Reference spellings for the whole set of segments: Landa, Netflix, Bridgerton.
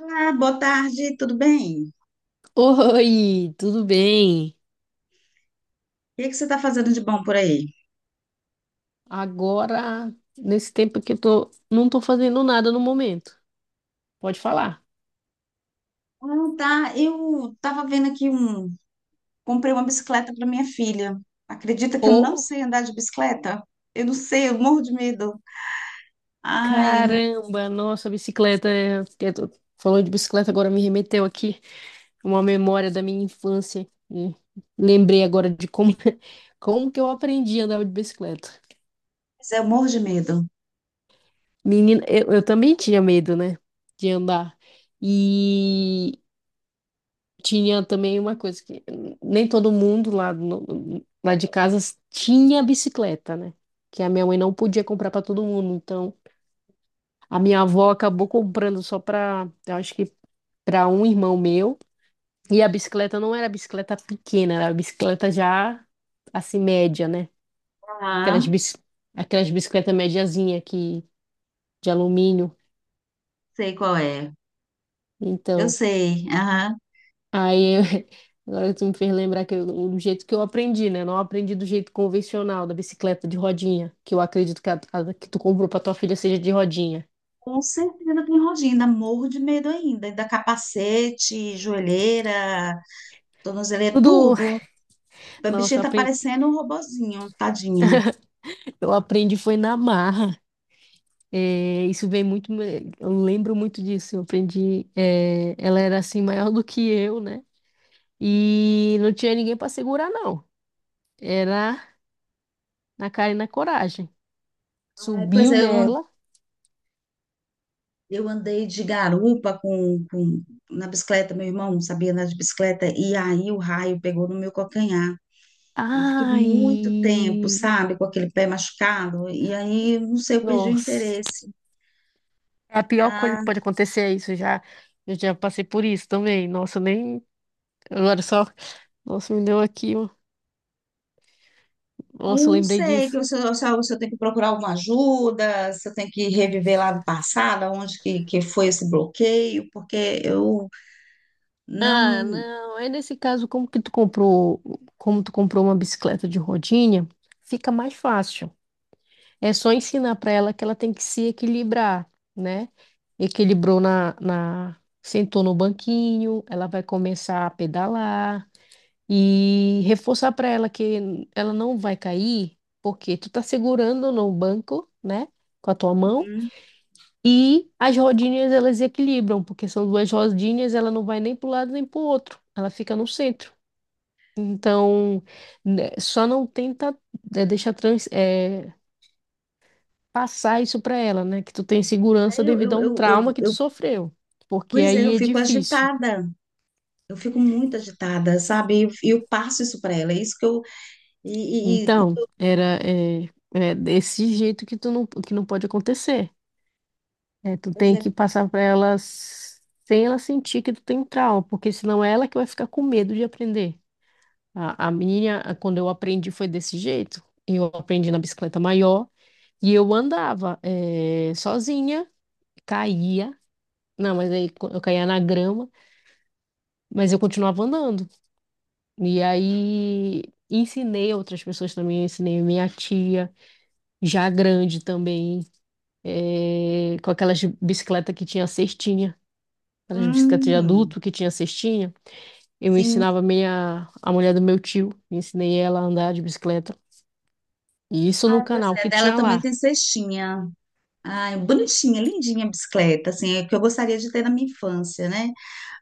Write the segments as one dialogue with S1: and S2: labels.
S1: Ah, boa tarde, tudo bem? O
S2: Oi, tudo bem?
S1: que que você está fazendo de bom por aí?
S2: Agora, nesse tempo que eu tô, não tô fazendo nada no momento. Pode falar.
S1: Ah, tá. Eu estava vendo aqui um. Comprei uma bicicleta para minha filha. Acredita que eu não
S2: Oh,
S1: sei andar de bicicleta? Eu não sei, eu morro de medo. Ai,
S2: caramba, nossa, bicicleta. Falou de bicicleta, agora me remeteu aqui uma memória da minha infância. Lembrei agora de como, como que eu aprendi a andar de bicicleta.
S1: mas eu morro de medo.
S2: Menina, eu também tinha medo, né, de andar. Tinha também uma coisa que nem todo mundo lá, lá de casa tinha bicicleta, né? Que a minha mãe não podia comprar para todo mundo. Então, a minha avó acabou comprando só para, eu acho que para um irmão meu. E a bicicleta não era bicicleta pequena, era bicicleta já assim média, né? Aquelas,
S1: Ah,
S2: aquelas bicicletas mediazinha que de alumínio.
S1: sei qual é. Eu
S2: Então,
S1: sei. Aham.
S2: Aí, eu- agora tu me fez lembrar que eu, do jeito que eu aprendi, né? Não aprendi do jeito convencional da bicicleta de rodinha, que eu acredito que a que tu comprou pra tua filha seja de rodinha.
S1: Com certeza tem rodinha, ainda morro de medo ainda. Ainda capacete, joelheira, tornozeleira,
S2: Tudo,
S1: tudo. A
S2: nossa,
S1: bichinha tá parecendo um robozinho, tadinha.
S2: eu aprendi foi na marra. É, isso vem muito, eu lembro muito disso. Eu aprendi, é, ela era assim maior do que eu, né? E não tinha ninguém pra segurar, não. Era na cara e na coragem.
S1: Ai, pois
S2: Subiu
S1: é, eu
S2: nela.
S1: Eu andei de garupa na bicicleta, meu irmão sabia andar de bicicleta, e aí o raio pegou no meu calcanhar. Eu fiquei muito
S2: Ai,
S1: tempo, sabe, com aquele pé machucado, e aí, não sei, eu perdi o
S2: nossa.
S1: interesse.
S2: É a pior coisa que
S1: Ah,
S2: pode acontecer é isso, já. Eu já passei por isso também. Nossa, eu nem. Agora só. Nossa, me deu aqui. Ó.
S1: aí
S2: Nossa,
S1: eu
S2: eu
S1: não
S2: lembrei
S1: sei,
S2: disso.
S1: se eu, se eu tenho que procurar alguma ajuda, se eu tenho que reviver lá no passado, onde que foi esse bloqueio, porque eu
S2: Ah,
S1: não.
S2: não. É nesse caso, como que tu comprou. Como tu comprou uma bicicleta de rodinha, fica mais fácil. É só ensinar para ela que ela tem que se equilibrar, né? Equilibrou Sentou no banquinho, ela vai começar a pedalar. E reforçar para ela que ela não vai cair, porque tu tá segurando no banco, né, com a tua mão,
S1: Uhum.
S2: e as rodinhas elas equilibram, porque são duas rodinhas, ela não vai nem para um lado nem para o outro, ela fica no centro. Então, né, só não tenta deixar passar isso para ela, né, que tu tem segurança
S1: Aí
S2: devido a um trauma que tu
S1: eu-
S2: sofreu, porque
S1: pois é, eu
S2: aí é
S1: fico
S2: difícil.
S1: agitada. Eu fico muito agitada, sabe? E eu passo isso para ela. É isso que eu. E, e, e
S2: Então, é desse jeito que tu não, que não pode acontecer. É, tu
S1: pois
S2: tem
S1: é.
S2: que passar para ela sem ela sentir que tu tem trauma, porque senão é ela que vai ficar com medo de aprender. Quando eu aprendi, foi desse jeito. Eu aprendi na bicicleta maior e eu andava sozinha, caía. Não, mas eu caía na grama, mas eu continuava andando. E aí ensinei outras pessoas também, ensinei minha tia, já grande também, com aquelas bicicletas que tinha cestinha. Aquelas bicicletas de
S1: Hum,
S2: adulto que tinha cestinha. Eu
S1: sim.
S2: ensinava meia a mulher do meu tio, ensinei ela a andar de bicicleta. E isso no
S1: Ah, pois
S2: canal
S1: é.
S2: que
S1: Dela
S2: tinha
S1: também tem
S2: lá.
S1: cestinha. Ai, bonitinha, lindinha a bicicleta, assim, é que eu gostaria de ter na minha infância, né?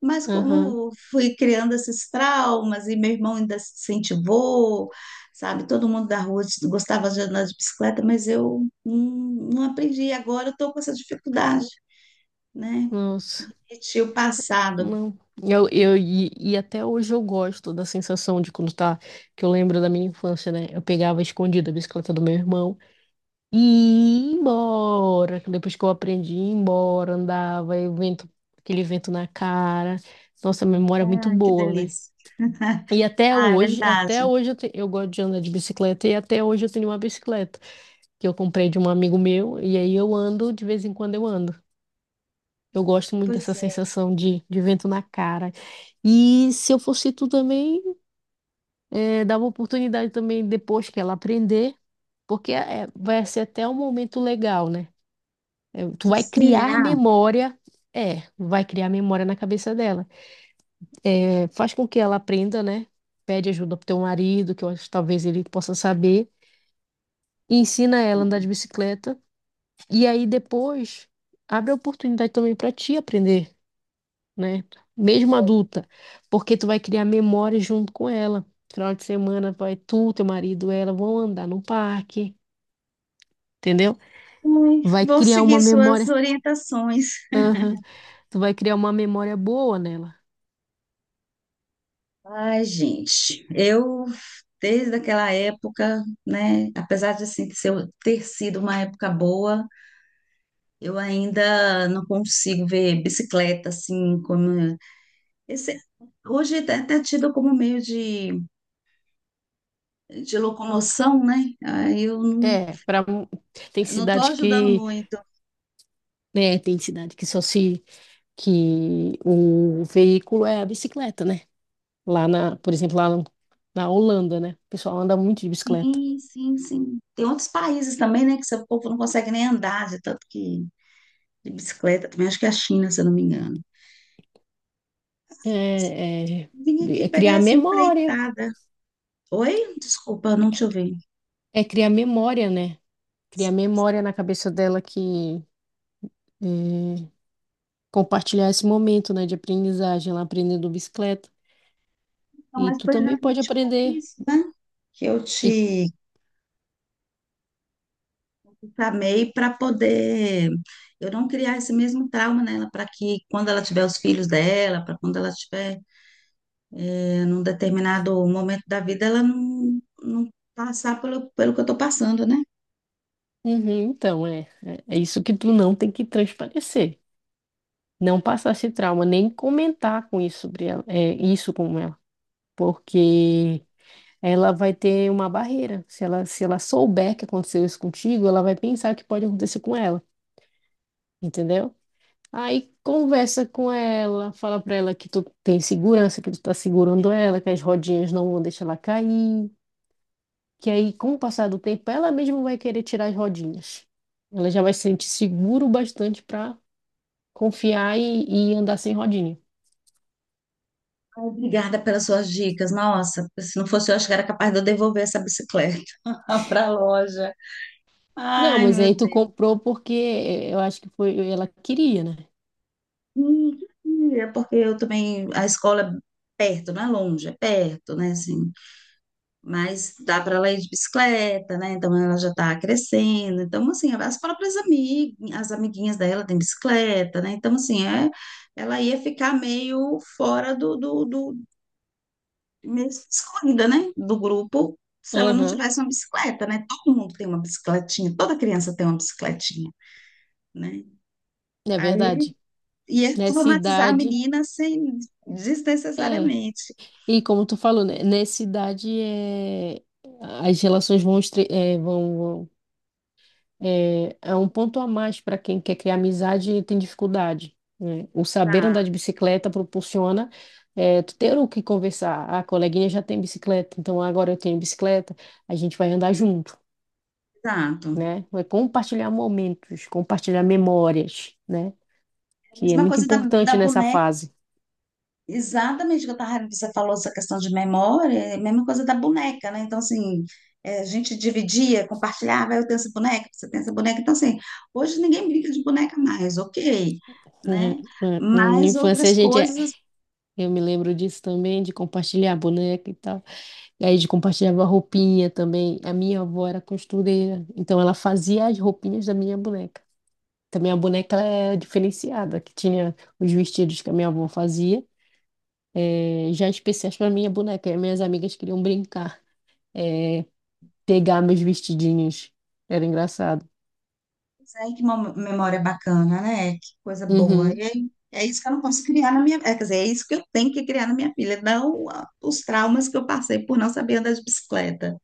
S1: Mas
S2: Aham,
S1: como fui criando esses traumas e meu irmão ainda se incentivou, sabe? Todo mundo da rua gostava de andar de bicicleta, mas eu não aprendi. E agora eu estou com essa dificuldade, né?
S2: nossa,
S1: Repetir o passado.
S2: não. E até hoje eu gosto da sensação de quando tá, que eu lembro da minha infância, né? Eu pegava escondida a bicicleta do meu irmão e ia embora. Que depois que eu aprendi, ia embora, andava, e o vento, aquele vento na cara. Nossa, a memória é muito
S1: Ai, que
S2: boa, né?
S1: delícia.
S2: E
S1: Ah, é
S2: até
S1: verdade.
S2: hoje eu gosto de andar de bicicleta e até hoje eu tenho uma bicicleta que eu comprei de um amigo meu e aí eu ando, de vez em quando eu ando. Eu gosto muito dessa
S1: Pois é.
S2: sensação de vento na cara. E se eu fosse tu também, dava oportunidade também depois que ela aprender, porque vai ser até um momento legal, né? Tu vai criar
S1: Será?
S2: memória, é, vai criar memória na cabeça dela. Faz com que ela aprenda, né? Pede ajuda pro teu marido, que eu acho que talvez ele possa saber. E ensina ela a andar de bicicleta. E aí depois abre a oportunidade também para ti aprender, né? Mesmo adulta, porque tu vai criar memórias junto com ela. Final de semana vai tu, teu marido, ela vão andar no parque, entendeu?
S1: Ai,
S2: Vai
S1: vou
S2: criar uma
S1: seguir suas
S2: memória,
S1: orientações.
S2: aham, tu vai criar uma memória boa nela.
S1: Ai, gente, eu desde aquela época, né, apesar de assim, ter sido uma época boa, eu ainda não consigo ver bicicleta assim como esse, hoje é até tido como meio de locomoção, né? Aí eu não,
S2: É, para tem
S1: não estou
S2: cidade
S1: ajudando
S2: que,
S1: muito.
S2: né, tem cidade que só se que o veículo é a bicicleta, né? Lá na, por exemplo, lá no- na Holanda, né? O pessoal anda muito de bicicleta.
S1: Sim, sim, sim. Tem outros países também, né, que seu povo não consegue nem andar, de tanto que de bicicleta. Também acho que é a China, se eu não me engano.
S2: É,
S1: Vim aqui
S2: é- é
S1: pegar
S2: criar
S1: essa
S2: memória.
S1: empreitada. Oi? Desculpa, não te ouvi.
S2: É criar memória, né? Criar
S1: Sim,
S2: memória na cabeça dela que é, compartilhar esse momento, né, de aprendizagem, ela aprendendo bicicleta.
S1: então,
S2: E
S1: mas
S2: tu
S1: foi
S2: também pode
S1: exatamente por
S2: aprender.
S1: isso, né? Que eu
S2: E,
S1: te chamei para poder eu não criar esse mesmo trauma nela, para que quando ela tiver os filhos dela, para quando ela tiver num determinado momento da vida, ela não, não passar pelo, pelo que eu estou passando, né?
S2: Uhum, então, é isso que tu não tem que transparecer. Não passar esse trauma, nem comentar com isso sobre ela, é, isso com ela. Porque ela vai ter uma barreira. Se ela, se ela souber que aconteceu isso contigo, ela vai pensar que pode acontecer com ela, entendeu? Aí conversa com ela, fala pra ela que tu tem segurança, que tu tá segurando ela, que as rodinhas não vão deixar ela cair, que aí com o passar do tempo ela mesma vai querer tirar as rodinhas. Ela já vai se sentir seguro o bastante pra confiar e andar sem rodinha.
S1: Obrigada pelas suas dicas. Nossa, se não fosse eu, acho que era capaz de eu devolver essa bicicleta para a loja.
S2: Não,
S1: Ai,
S2: mas
S1: meu
S2: aí tu
S1: Deus.
S2: comprou porque eu acho que foi ela queria, né?
S1: Hum, É porque eu também, a escola é perto, não é longe, é perto, né, assim. Mas dá para ela ir de bicicleta, né? Então ela já está crescendo. Então, assim, as próprias amigas, as amiguinhas dela têm bicicleta, né? Então, assim, é, ela ia ficar meio fora mesmo excluída, né, do grupo, se ela não
S2: Aham,
S1: tivesse uma bicicleta, né? Todo mundo tem uma bicicletinha, toda criança tem uma bicicletinha, né?
S2: é
S1: Aí
S2: verdade.
S1: ia
S2: Nessa
S1: traumatizar a
S2: idade
S1: menina sem
S2: é,
S1: desnecessariamente.
S2: e como tu falou, né, nessa idade é, as relações vão, vão- é, é um ponto a mais para quem quer criar amizade e tem dificuldade, né? O saber andar
S1: Exato,
S2: de bicicleta proporciona é, tu ter o que conversar. Ah, a coleguinha já tem bicicleta, então agora eu tenho bicicleta, a gente vai andar junto,
S1: exato.
S2: né? É compartilhar momentos, compartilhar memórias, né?
S1: É a
S2: Que é
S1: mesma
S2: muito
S1: coisa da, da
S2: importante nessa
S1: boneca.
S2: fase.
S1: Exatamente o que eu tava, você falou essa questão de memória, é a mesma coisa da boneca, né? Então, assim, é, a gente dividia, compartilhava, "Ah, eu tenho essa boneca, você tem essa boneca". Então, assim, hoje ninguém brinca de boneca mais, ok, né?
S2: Na na
S1: Mas
S2: infância a
S1: outras
S2: gente é
S1: coisas,
S2: eu me lembro disso também, de compartilhar boneca e tal. E aí, de compartilhava roupinha também. A minha avó era costureira, então ela fazia as roupinhas da minha boneca. Também a boneca ela é diferenciada, que tinha os vestidos que a minha avó fazia, já especiais para minha boneca. E as minhas amigas queriam brincar, eh, pegar meus vestidinhos. Era engraçado.
S1: pois é, memória bacana, né? Que coisa boa. E
S2: Uhum,
S1: aí, é isso que eu não posso criar na minha, é, quer dizer, é isso que eu tenho que criar na minha filha, não ah, os traumas que eu passei por não saber andar de bicicleta.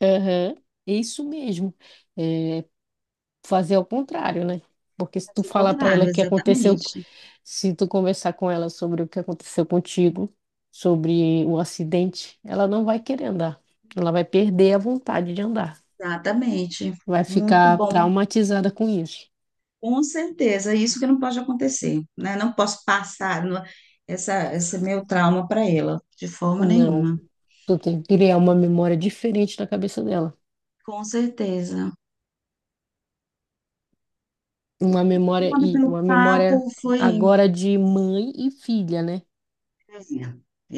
S2: aham, é isso mesmo. É, fazer ao contrário, né? Porque se
S1: Mas
S2: tu
S1: o
S2: falar para
S1: contrário,
S2: ela que aconteceu,
S1: exatamente.
S2: se tu conversar com ela sobre o que aconteceu contigo, sobre o acidente, ela não vai querer andar. Ela vai perder a vontade de andar.
S1: Exatamente.
S2: Vai
S1: Muito
S2: ficar
S1: bom.
S2: traumatizada com isso.
S1: Com certeza, é isso que não pode acontecer, né? Não posso passar essa, esse meu trauma para ela, de forma nenhuma.
S2: Não. Tu tem que criar uma memória diferente na cabeça dela.
S1: Com certeza.
S2: Uma memória
S1: Obrigada
S2: e
S1: pelo
S2: uma memória
S1: papo, foi.
S2: agora de mãe e filha, né?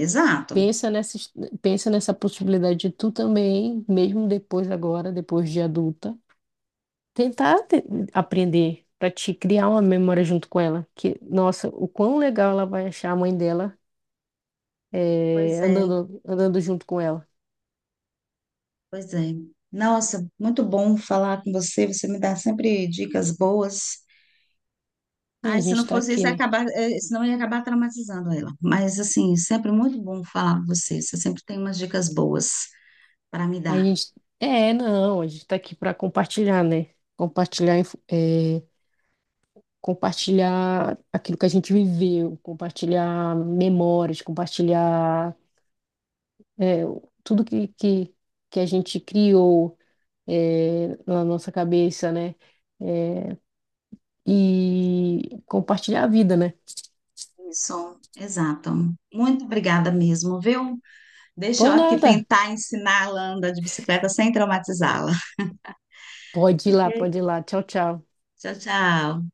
S1: Exato.
S2: Pensa nessa, pensa nessa possibilidade de tu também, mesmo depois agora, depois de adulta, tentar te- aprender para te criar uma memória junto com ela. Que, nossa, o quão legal ela vai achar a mãe dela
S1: Pois é,
S2: andando, andando junto com ela.
S1: pois é. Nossa, muito bom falar com você, você me dá sempre dicas boas.
S2: E
S1: Ai,
S2: a
S1: se não
S2: gente tá
S1: fosse
S2: aqui,
S1: isso, ia
S2: né?
S1: acabar, senão eu ia acabar traumatizando ela. Mas, assim, sempre muito bom falar com você, você sempre tem umas dicas boas para me
S2: A
S1: dar.
S2: gente. É, não, a gente tá aqui para compartilhar, né? Compartilhar, compartilhar aquilo que a gente viveu, compartilhar memórias, compartilhar eh, tudo que a gente criou na nossa cabeça, né? Eh, e compartilhar a vida, né?
S1: Isso, exato. Muito obrigada mesmo, viu? Deixa eu
S2: Por
S1: aqui
S2: nada.
S1: tentar ensinar a Landa de bicicleta sem traumatizá-la.
S2: Pode ir lá,
S1: Ok?
S2: pode ir lá. Tchau, tchau.
S1: Tchau, tchau.